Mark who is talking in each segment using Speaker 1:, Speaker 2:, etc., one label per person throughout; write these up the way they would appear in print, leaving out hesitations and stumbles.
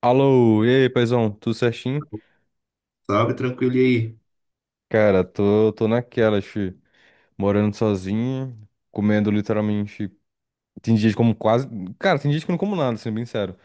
Speaker 1: Alô, e aí, paizão, tudo certinho?
Speaker 2: Salve, tranquilo. E aí?
Speaker 1: Cara, tô naquela, fi, morando sozinho, comendo literalmente. Tem dias que como quase. Cara, tem dias que eu não como nada, sendo bem sério.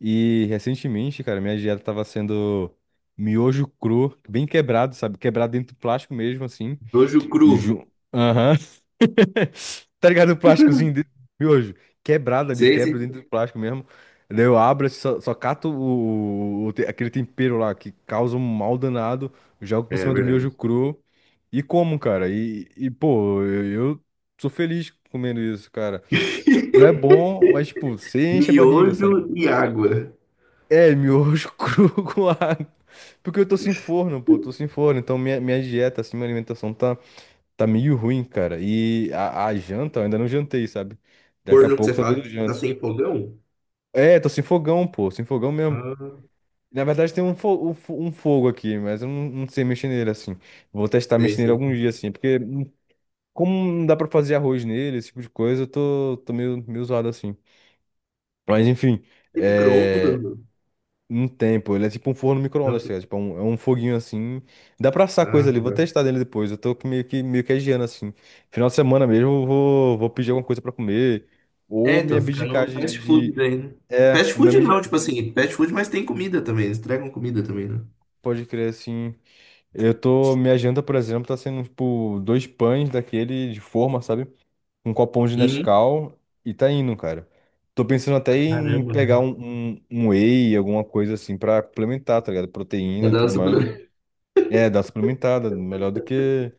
Speaker 1: E recentemente, cara, minha dieta tava sendo miojo cru, bem quebrado, sabe? Quebrado dentro do plástico mesmo, assim.
Speaker 2: Miojo cru.
Speaker 1: Ju... Aham. Tá ligado? O plásticozinho de miojo. Quebrado ali,
Speaker 2: Sei,
Speaker 1: quebra
Speaker 2: sei.
Speaker 1: dentro do plástico mesmo. Daí eu abro, assim, só cato aquele tempero lá que causa um mal danado. Jogo por
Speaker 2: É
Speaker 1: cima do miojo
Speaker 2: verdade.
Speaker 1: cru. E como, cara? Pô, eu sou feliz comendo isso, cara. Não é bom, mas, tipo, você enche a barriga,
Speaker 2: Miojo
Speaker 1: sabe?
Speaker 2: e água.
Speaker 1: É, miojo cru com água. Porque eu tô sem forno, pô, tô sem forno. Então minha dieta, assim, minha alimentação tá. Tá meio ruim, cara. E a janta, eu ainda não jantei, sabe? Daqui a
Speaker 2: Forno que
Speaker 1: pouco
Speaker 2: você
Speaker 1: talvez
Speaker 2: fala
Speaker 1: eu
Speaker 2: que tá
Speaker 1: jante.
Speaker 2: sem fogão?
Speaker 1: É, tô sem fogão, pô, sem fogão mesmo.
Speaker 2: Ah,
Speaker 1: Na verdade tem um, um fogo aqui, mas eu não sei mexer nele assim. Vou testar
Speaker 2: sei,
Speaker 1: mexer nele
Speaker 2: sei.
Speaker 1: algum dia assim, porque como não dá pra fazer arroz nele, esse tipo de coisa, eu tô meio, meio zoado assim. Mas enfim,
Speaker 2: Tem micro-ondas,
Speaker 1: é,
Speaker 2: mano?
Speaker 1: não tem, pô. Ele é tipo um forno micro-ondas,
Speaker 2: Não.
Speaker 1: tá ligado? Tipo, é um foguinho assim. Dá pra assar coisa
Speaker 2: Ah,
Speaker 1: ali. Vou
Speaker 2: tá.
Speaker 1: testar dele depois. Eu tô com meio que adiando assim. Final de semana mesmo, vou pedir alguma coisa pra comer. Ou
Speaker 2: É,
Speaker 1: me
Speaker 2: tô ficando
Speaker 1: abdicar de,
Speaker 2: fast food
Speaker 1: de...
Speaker 2: daí, né?
Speaker 1: É,
Speaker 2: Fast
Speaker 1: ou me
Speaker 2: food não,
Speaker 1: abdicar.
Speaker 2: tipo assim, fast food, mas tem comida também. Eles entregam comida também, né?
Speaker 1: Pode crer assim. Eu tô. Minha janta, por exemplo, tá sendo tipo dois pães daquele de forma, sabe? Um copão de
Speaker 2: Uhum.
Speaker 1: Nescau e tá indo, cara. Tô pensando até em
Speaker 2: Caramba,
Speaker 1: pegar
Speaker 2: né?
Speaker 1: um whey, alguma coisa assim, pra complementar, tá ligado? Proteína e
Speaker 2: Cada um
Speaker 1: tudo mais.
Speaker 2: suplemento.
Speaker 1: É, dá suplementada, melhor do que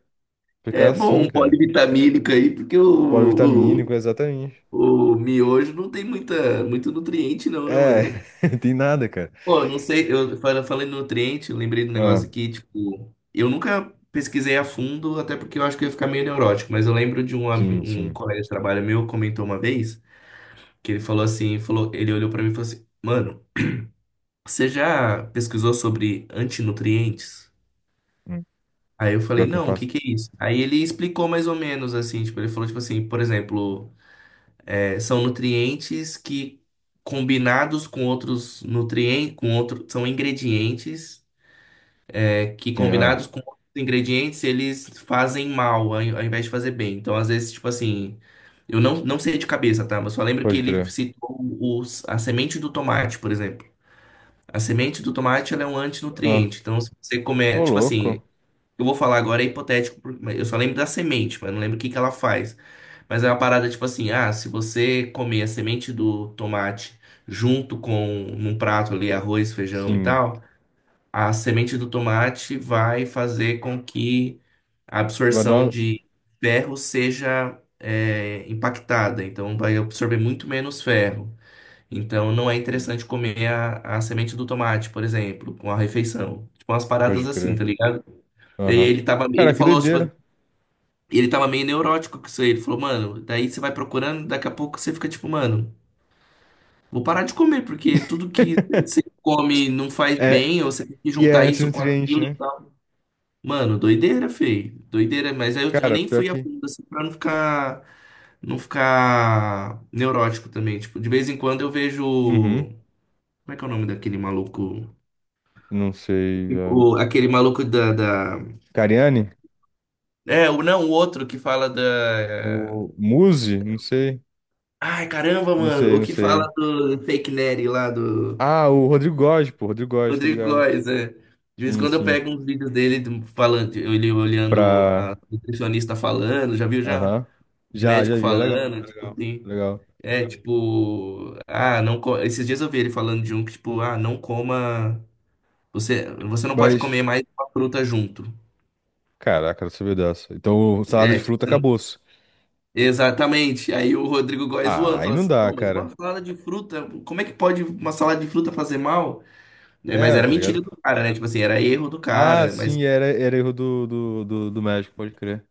Speaker 1: ficar
Speaker 2: É bom
Speaker 1: assim,
Speaker 2: um
Speaker 1: cara.
Speaker 2: polivitamínico aí, porque
Speaker 1: Polivitamínico, exatamente.
Speaker 2: o miojo não tem muita, muito nutriente, não, né,
Speaker 1: É,
Speaker 2: mano?
Speaker 1: tem nada, cara.
Speaker 2: Pô, eu não sei, falei em nutriente, eu lembrei do
Speaker 1: Ah,
Speaker 2: negócio aqui, tipo, eu nunca pesquisei a fundo, até porque eu acho que eu ia ficar meio neurótico, mas eu lembro de
Speaker 1: sim,
Speaker 2: um
Speaker 1: sim.
Speaker 2: colega de trabalho meu comentou uma vez que ele falou assim, falou, ele olhou pra mim e falou assim, mano, você já pesquisou sobre antinutrientes?
Speaker 1: Hum,
Speaker 2: Aí eu
Speaker 1: pior
Speaker 2: falei,
Speaker 1: que eu
Speaker 2: não, o que
Speaker 1: faço.
Speaker 2: que é isso? Aí ele explicou mais ou menos assim, tipo, ele falou tipo assim, por exemplo, é, são nutrientes que combinados com outros nutrientes, são ingredientes, que
Speaker 1: Sim, ah,
Speaker 2: combinados com outros ingredientes, eles fazem mal, ao invés de fazer bem. Então, às vezes, tipo assim, eu não, não sei de cabeça, tá? Mas só lembro que
Speaker 1: pode
Speaker 2: ele
Speaker 1: crer.
Speaker 2: citou a semente do tomate, por exemplo. A semente do tomate, ela é um
Speaker 1: Ah,
Speaker 2: antinutriente. Então, se você comer,
Speaker 1: ô
Speaker 2: tipo assim,
Speaker 1: louco.
Speaker 2: eu vou falar agora é hipotético, porque mas eu só lembro da semente, mas não lembro o que que ela faz. Mas é uma parada tipo assim, ah, se você comer a semente do tomate junto com num prato ali arroz, feijão e
Speaker 1: Sim.
Speaker 2: tal, a semente do tomate vai fazer com que a
Speaker 1: Vai dar
Speaker 2: absorção
Speaker 1: uma...
Speaker 2: de ferro seja, impactada, então vai absorver muito menos ferro. Então não é
Speaker 1: Sim,
Speaker 2: interessante comer a semente do tomate, por exemplo, com a refeição. Tipo umas
Speaker 1: pode
Speaker 2: paradas assim,
Speaker 1: crer.
Speaker 2: tá ligado? E
Speaker 1: Aham.
Speaker 2: ele tava,
Speaker 1: Cara,
Speaker 2: ele
Speaker 1: que
Speaker 2: falou, tipo,
Speaker 1: doideira.
Speaker 2: ele tava meio neurótico com isso aí. Ele falou, mano, daí você vai procurando, daqui a pouco você fica tipo, mano, vou parar de comer, porque tudo que você come não faz
Speaker 1: É,
Speaker 2: bem, ou você tem que
Speaker 1: e é
Speaker 2: juntar isso com
Speaker 1: antinutriente,
Speaker 2: aquilo e
Speaker 1: né?
Speaker 2: tal. Mano, doideira, feio. Doideira, mas aí eu
Speaker 1: Cara,
Speaker 2: nem
Speaker 1: pior
Speaker 2: fui a
Speaker 1: que.
Speaker 2: fundo, assim, pra não ficar, não ficar neurótico também. Tipo, de vez em quando eu
Speaker 1: Uhum.
Speaker 2: vejo. Como é que é o nome daquele maluco?
Speaker 1: Não sei. Ah,
Speaker 2: O, aquele maluco
Speaker 1: Cariani?
Speaker 2: é, não, o outro que fala da.
Speaker 1: O Muzi? Não sei.
Speaker 2: Ai, caramba,
Speaker 1: Não
Speaker 2: mano.
Speaker 1: sei,
Speaker 2: O
Speaker 1: não
Speaker 2: que
Speaker 1: sei.
Speaker 2: fala do Fake Nery lá do
Speaker 1: Ah, o Rodrigo Góes, pô. Rodrigo Góes, tá
Speaker 2: Rodrigo
Speaker 1: ligado?
Speaker 2: Góes, é. De vez em
Speaker 1: Sim,
Speaker 2: quando eu
Speaker 1: sim.
Speaker 2: pego uns vídeos dele do falando, ele olhando a
Speaker 1: Pra.
Speaker 2: nutricionista falando, já viu já
Speaker 1: Aham.
Speaker 2: o
Speaker 1: Já, já
Speaker 2: médico
Speaker 1: vi. É legal,
Speaker 2: falando,
Speaker 1: é
Speaker 2: tipo
Speaker 1: legal, é
Speaker 2: assim,
Speaker 1: legal.
Speaker 2: é tipo, ah, não, co- esses dias eu vi ele falando de um que tipo, ah, não coma, você não pode comer
Speaker 1: Mas.
Speaker 2: mais uma fruta junto.
Speaker 1: Caraca, não sabia dessa. Então, o salada de
Speaker 2: É, tipo,
Speaker 1: fruta
Speaker 2: você não...
Speaker 1: acabou-se.
Speaker 2: Exatamente. Aí o Rodrigo Góes
Speaker 1: Ah,
Speaker 2: zoando,
Speaker 1: aí
Speaker 2: falando
Speaker 1: não
Speaker 2: assim,
Speaker 1: dá,
Speaker 2: não, mas uma
Speaker 1: cara.
Speaker 2: salada de fruta, como é que pode uma salada de fruta fazer mal? Né? Mas
Speaker 1: É,
Speaker 2: era
Speaker 1: tá ligado?
Speaker 2: mentira do cara, né? Tipo assim, era erro do
Speaker 1: Ah,
Speaker 2: cara, mas
Speaker 1: sim, era, era erro do médico, pode crer.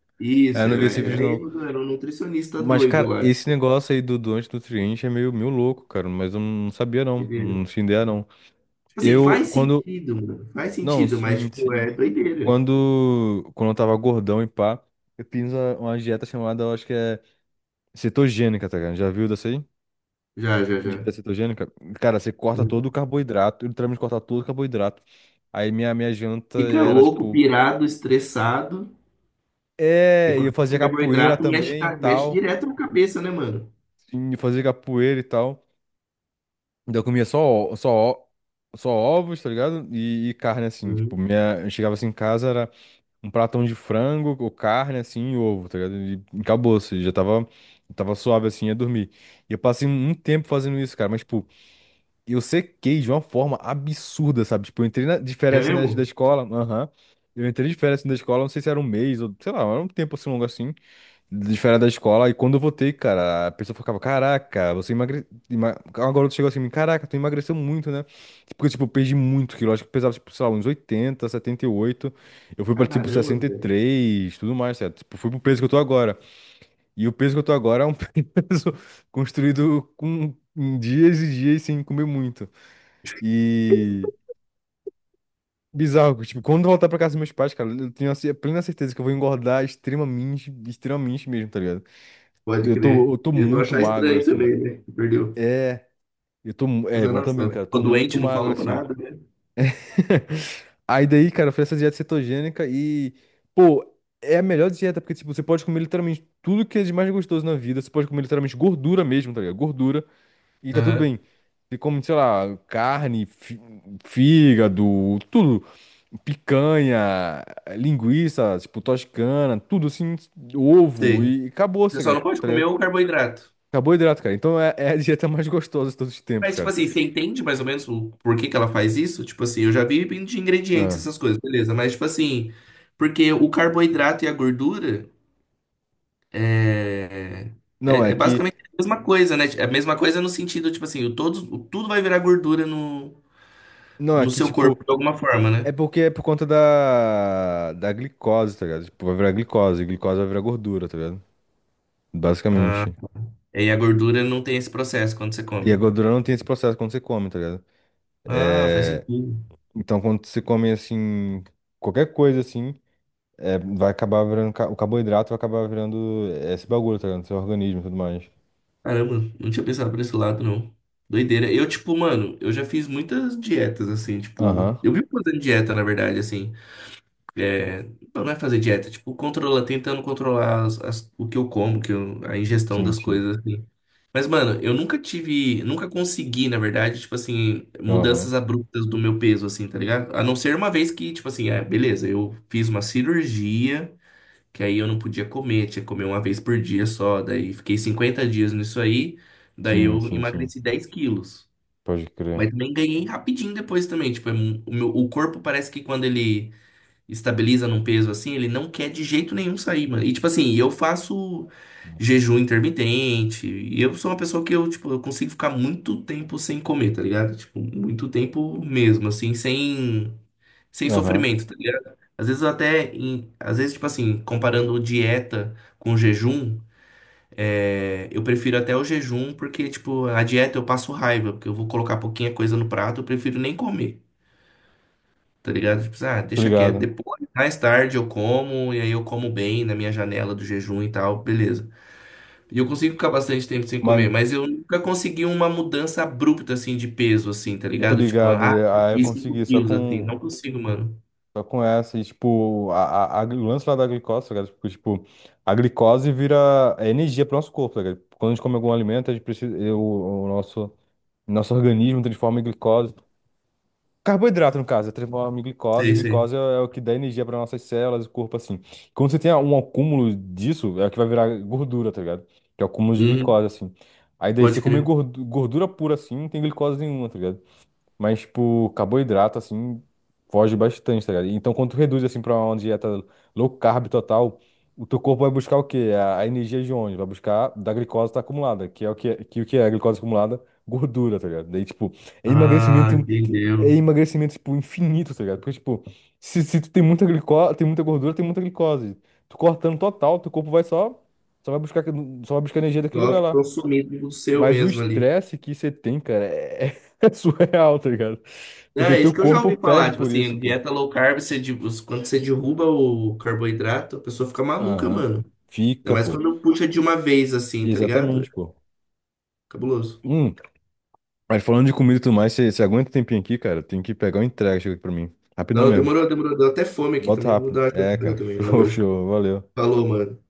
Speaker 1: É,
Speaker 2: isso,
Speaker 1: eu não vi esse vídeo,
Speaker 2: era
Speaker 1: não.
Speaker 2: erro, do era um nutricionista
Speaker 1: Mas,
Speaker 2: doido
Speaker 1: cara,
Speaker 2: lá.
Speaker 1: esse negócio aí do antinutriente é meio, meio louco, cara. Mas eu não sabia, não.
Speaker 2: Entendeu?
Speaker 1: Não tinha ideia, não.
Speaker 2: Tipo assim,
Speaker 1: Eu,
Speaker 2: faz
Speaker 1: quando.
Speaker 2: sentido, mano. Faz
Speaker 1: Não,
Speaker 2: sentido, mas
Speaker 1: sim,
Speaker 2: tipo,
Speaker 1: sim.
Speaker 2: é doideira.
Speaker 1: Quando eu tava gordão e pá, eu fiz uma dieta chamada, eu acho que é. Cetogênica, tá ligado? Já viu dessa aí?
Speaker 2: Já, já,
Speaker 1: Dieta
Speaker 2: já.
Speaker 1: cetogênica? Cara, você corta todo o
Speaker 2: Uhum.
Speaker 1: carboidrato, eu literalmente corta todo o carboidrato. Aí minha janta
Speaker 2: Fica
Speaker 1: era
Speaker 2: louco,
Speaker 1: tipo.
Speaker 2: pirado, estressado, porque
Speaker 1: É, e eu
Speaker 2: quando
Speaker 1: fazia
Speaker 2: tem
Speaker 1: capoeira
Speaker 2: carboidrato mexe,
Speaker 1: também e
Speaker 2: mexe
Speaker 1: tal.
Speaker 2: direto na cabeça, né, mano?
Speaker 1: Sim, eu fazia capoeira e tal. Então eu comia ó- só, ó- só ovos, tá ligado? E carne assim. Tipo,
Speaker 2: Uhum.
Speaker 1: minha, eu chegava assim em casa, era um pratão de frango, ou carne assim, e ovo, tá ligado? E acabou, assim, tava suave assim, ia dormir. E eu passei um tempo fazendo isso, cara, mas, tipo. Eu sequei de uma forma absurda, sabe? Tipo, eu entrei na, de
Speaker 2: É
Speaker 1: férias assim, na- da
Speaker 2: mesmo?
Speaker 1: escola, aham. Eu entrei de férias assim, da escola, não sei se era um mês ou, sei lá, era um tempo assim longo assim, de férias da escola. E quando eu voltei, cara, a pessoa ficava, caraca, você emagreceu. Uma garota chegou assim, caraca, tu emagreceu muito, né? Porque, tipo, eu perdi muito quilo. Acho que eu pesava, tipo, sei lá, uns 80, 78. Eu fui pra,
Speaker 2: Caramba,
Speaker 1: tipo,
Speaker 2: velho.
Speaker 1: 63, tudo mais, certo? Tipo, fui pro peso que eu tô agora. E o peso que eu tô agora é um peso construído com dias e dias sem comer muito. E bizarro, que, tipo, quando eu voltar pra casa dos meus pais, cara, eu tenho a ce- plena certeza que eu vou engordar extremamente, extremamente mesmo, tá ligado?
Speaker 2: Pode crer.
Speaker 1: Eu tô
Speaker 2: Eles vão
Speaker 1: muito
Speaker 2: achar
Speaker 1: magro,
Speaker 2: estranho
Speaker 1: assim.
Speaker 2: também, né? Que perdeu.
Speaker 1: É, eu tô, mu- é, vão também,
Speaker 2: Nossa,
Speaker 1: cara, eu
Speaker 2: o
Speaker 1: tô muito
Speaker 2: doente não
Speaker 1: magro,
Speaker 2: falou pra
Speaker 1: assim.
Speaker 2: nada, né?
Speaker 1: Aí daí, cara, eu fiz essa dieta cetogênica e, pô, é a melhor dieta, porque, tipo, você pode comer literalmente tudo que é de mais gostoso na vida, você pode comer literalmente gordura mesmo, tá ligado? Gordura, e tá tudo
Speaker 2: Aham.
Speaker 1: bem. Você come, sei lá, carne, fi- fígado, tudo. Picanha, linguiça, tipo, toscana, tudo assim, ovo
Speaker 2: Sei.
Speaker 1: e acabou,
Speaker 2: Você só
Speaker 1: saca,
Speaker 2: não pode
Speaker 1: tá
Speaker 2: comer
Speaker 1: ligado?
Speaker 2: o carboidrato.
Speaker 1: Acabou o hidrato, cara. Então é a dieta mais gostosa de todos os tempos,
Speaker 2: Mas, tipo
Speaker 1: cara.
Speaker 2: assim, você entende mais ou menos o porquê que ela faz isso? Tipo assim, eu já vi de ingredientes
Speaker 1: Ah.
Speaker 2: essas coisas, beleza. Mas, tipo assim, porque o carboidrato e a gordura é,
Speaker 1: Não, é
Speaker 2: é
Speaker 1: que.
Speaker 2: basicamente a mesma coisa, né? É a mesma coisa no sentido, tipo assim, o tudo vai virar gordura
Speaker 1: Não, é
Speaker 2: no
Speaker 1: que,
Speaker 2: seu corpo
Speaker 1: tipo.
Speaker 2: de alguma forma, né?
Speaker 1: É porque é por conta da glicose, tá ligado? Tipo, vai virar glicose, e glicose vai virar gordura, tá ligado? Basicamente.
Speaker 2: E a gordura não tem esse processo quando você
Speaker 1: E a
Speaker 2: come.
Speaker 1: gordura não tem esse processo quando você come, tá ligado?
Speaker 2: Ah, faz
Speaker 1: É,
Speaker 2: sentido.
Speaker 1: então, quando você come, assim, qualquer coisa, assim, é, vai acabar virando. O carboidrato vai acabar virando esse bagulho, tá ligado? Seu organismo e tudo mais.
Speaker 2: Caramba, não tinha pensado por esse lado, não. Doideira. Tipo, mano, eu já fiz muitas dietas, assim, tipo.
Speaker 1: Aham.
Speaker 2: Eu vivo fazendo dieta, na verdade, assim. Não é fazer dieta, tipo, controlar, tentando controlar o que eu como, a ingestão
Speaker 1: Sim,
Speaker 2: das
Speaker 1: sim.
Speaker 2: coisas, assim. Mas, mano, eu nunca tive, nunca consegui, na verdade, tipo assim,
Speaker 1: Aham.
Speaker 2: mudanças abruptas do meu peso, assim, tá ligado? A não ser uma vez que, tipo assim, é, beleza, eu fiz uma cirurgia, que aí eu não podia comer, tinha que comer uma vez por dia só, daí fiquei 50 dias nisso aí, daí
Speaker 1: Sim,
Speaker 2: eu
Speaker 1: sim, sim.
Speaker 2: emagreci 10 quilos.
Speaker 1: Pode crer.
Speaker 2: Mas também ganhei rapidinho depois também, tipo, o corpo parece que quando ele estabiliza num peso assim, ele não quer de jeito nenhum sair, mano. E tipo assim, eu faço jejum intermitente, e eu sou uma pessoa que eu consigo ficar muito tempo sem comer, tá ligado? Tipo, muito tempo mesmo, assim, sem
Speaker 1: Aham.
Speaker 2: sofrimento, tá ligado? Às vezes eu até, às vezes, tipo assim, comparando dieta com jejum, é, eu prefiro até o jejum, porque, tipo, a dieta eu passo raiva, porque eu vou colocar pouquinha coisa no prato, eu prefiro nem comer. Tá ligado? Tipo, assim, ah,
Speaker 1: Tô
Speaker 2: deixa quieto,
Speaker 1: ligado.
Speaker 2: depois, mais tarde eu como, e aí eu como bem na minha janela do jejum e tal, beleza. E eu consigo ficar bastante tempo sem comer,
Speaker 1: Mas,
Speaker 2: mas eu nunca consegui uma mudança abrupta, assim, de peso, assim, tá
Speaker 1: tô
Speaker 2: ligado? Tipo,
Speaker 1: ligado.
Speaker 2: ah,
Speaker 1: É, aí eu
Speaker 2: perdi 5
Speaker 1: consegui só
Speaker 2: quilos, assim, não
Speaker 1: com.
Speaker 2: consigo, mano.
Speaker 1: Só com essa. E, tipo, o lance lá da glicose, tá ligado? Porque, tipo, a glicose vira é energia pro nosso corpo, tá ligado? Quando a gente come algum alimento, a gente precisa. O nosso. Nosso organismo transforma em glicose. Carboidrato, no caso, é transformado em glicose.
Speaker 2: Sei, sei.
Speaker 1: Glicose é o que dá energia para nossas células, o corpo, assim. Quando você tem um acúmulo disso, é o que vai virar gordura, tá ligado? Que é o acúmulo de
Speaker 2: Hum,
Speaker 1: glicose, assim. Aí daí, você
Speaker 2: pode
Speaker 1: comer
Speaker 2: crer.
Speaker 1: gordura pura, assim, não tem glicose nenhuma, tá ligado? Mas, tipo, carboidrato, assim, foge bastante, tá ligado? Então, quando tu reduz, assim, pra uma dieta low carb total, o teu corpo vai buscar o quê? A energia de onde? Vai buscar da glicose que tá acumulada, que é o que é, que, o que é a glicose acumulada? Gordura, tá ligado? Daí, tipo, é
Speaker 2: Ah,
Speaker 1: emagrecimento é
Speaker 2: entendeu.
Speaker 1: emagrecimento, tipo, infinito, tá ligado? Porque, tipo, se tu tem muita glicose, tem muita gordura, tem muita glicose. Tu cortando total, teu corpo vai só, só vai buscar, só vai buscar energia daquele
Speaker 2: Só
Speaker 1: lugar lá.
Speaker 2: consumido do seu
Speaker 1: Mas o
Speaker 2: mesmo ali.
Speaker 1: estresse que você tem, cara, é, é surreal, tá ligado? Porque
Speaker 2: É,
Speaker 1: teu
Speaker 2: isso que eu já
Speaker 1: corpo
Speaker 2: ouvi falar,
Speaker 1: pede
Speaker 2: tipo
Speaker 1: por isso,
Speaker 2: assim,
Speaker 1: pô.
Speaker 2: dieta low carb, você, de- quando você derruba o carboidrato, a pessoa fica maluca,
Speaker 1: Aham.
Speaker 2: mano. Ainda
Speaker 1: Fica,
Speaker 2: mais
Speaker 1: pô.
Speaker 2: quando puxa de uma vez assim, tá ligado? É
Speaker 1: Exatamente, pô.
Speaker 2: cabuloso.
Speaker 1: Hum, mas falando de comida e tudo mais, você aguenta um tempinho aqui, cara? Tem que pegar uma entrega, chega aqui pra mim. Rapidão
Speaker 2: Não,
Speaker 1: mesmo.
Speaker 2: demorou, demorou. Deu até fome aqui
Speaker 1: Bota
Speaker 2: também. Vou dar
Speaker 1: rápido.
Speaker 2: uma
Speaker 1: É,
Speaker 2: jantada
Speaker 1: cara.
Speaker 2: também.
Speaker 1: Show,
Speaker 2: Valeu.
Speaker 1: show. Valeu.
Speaker 2: Falou, mano.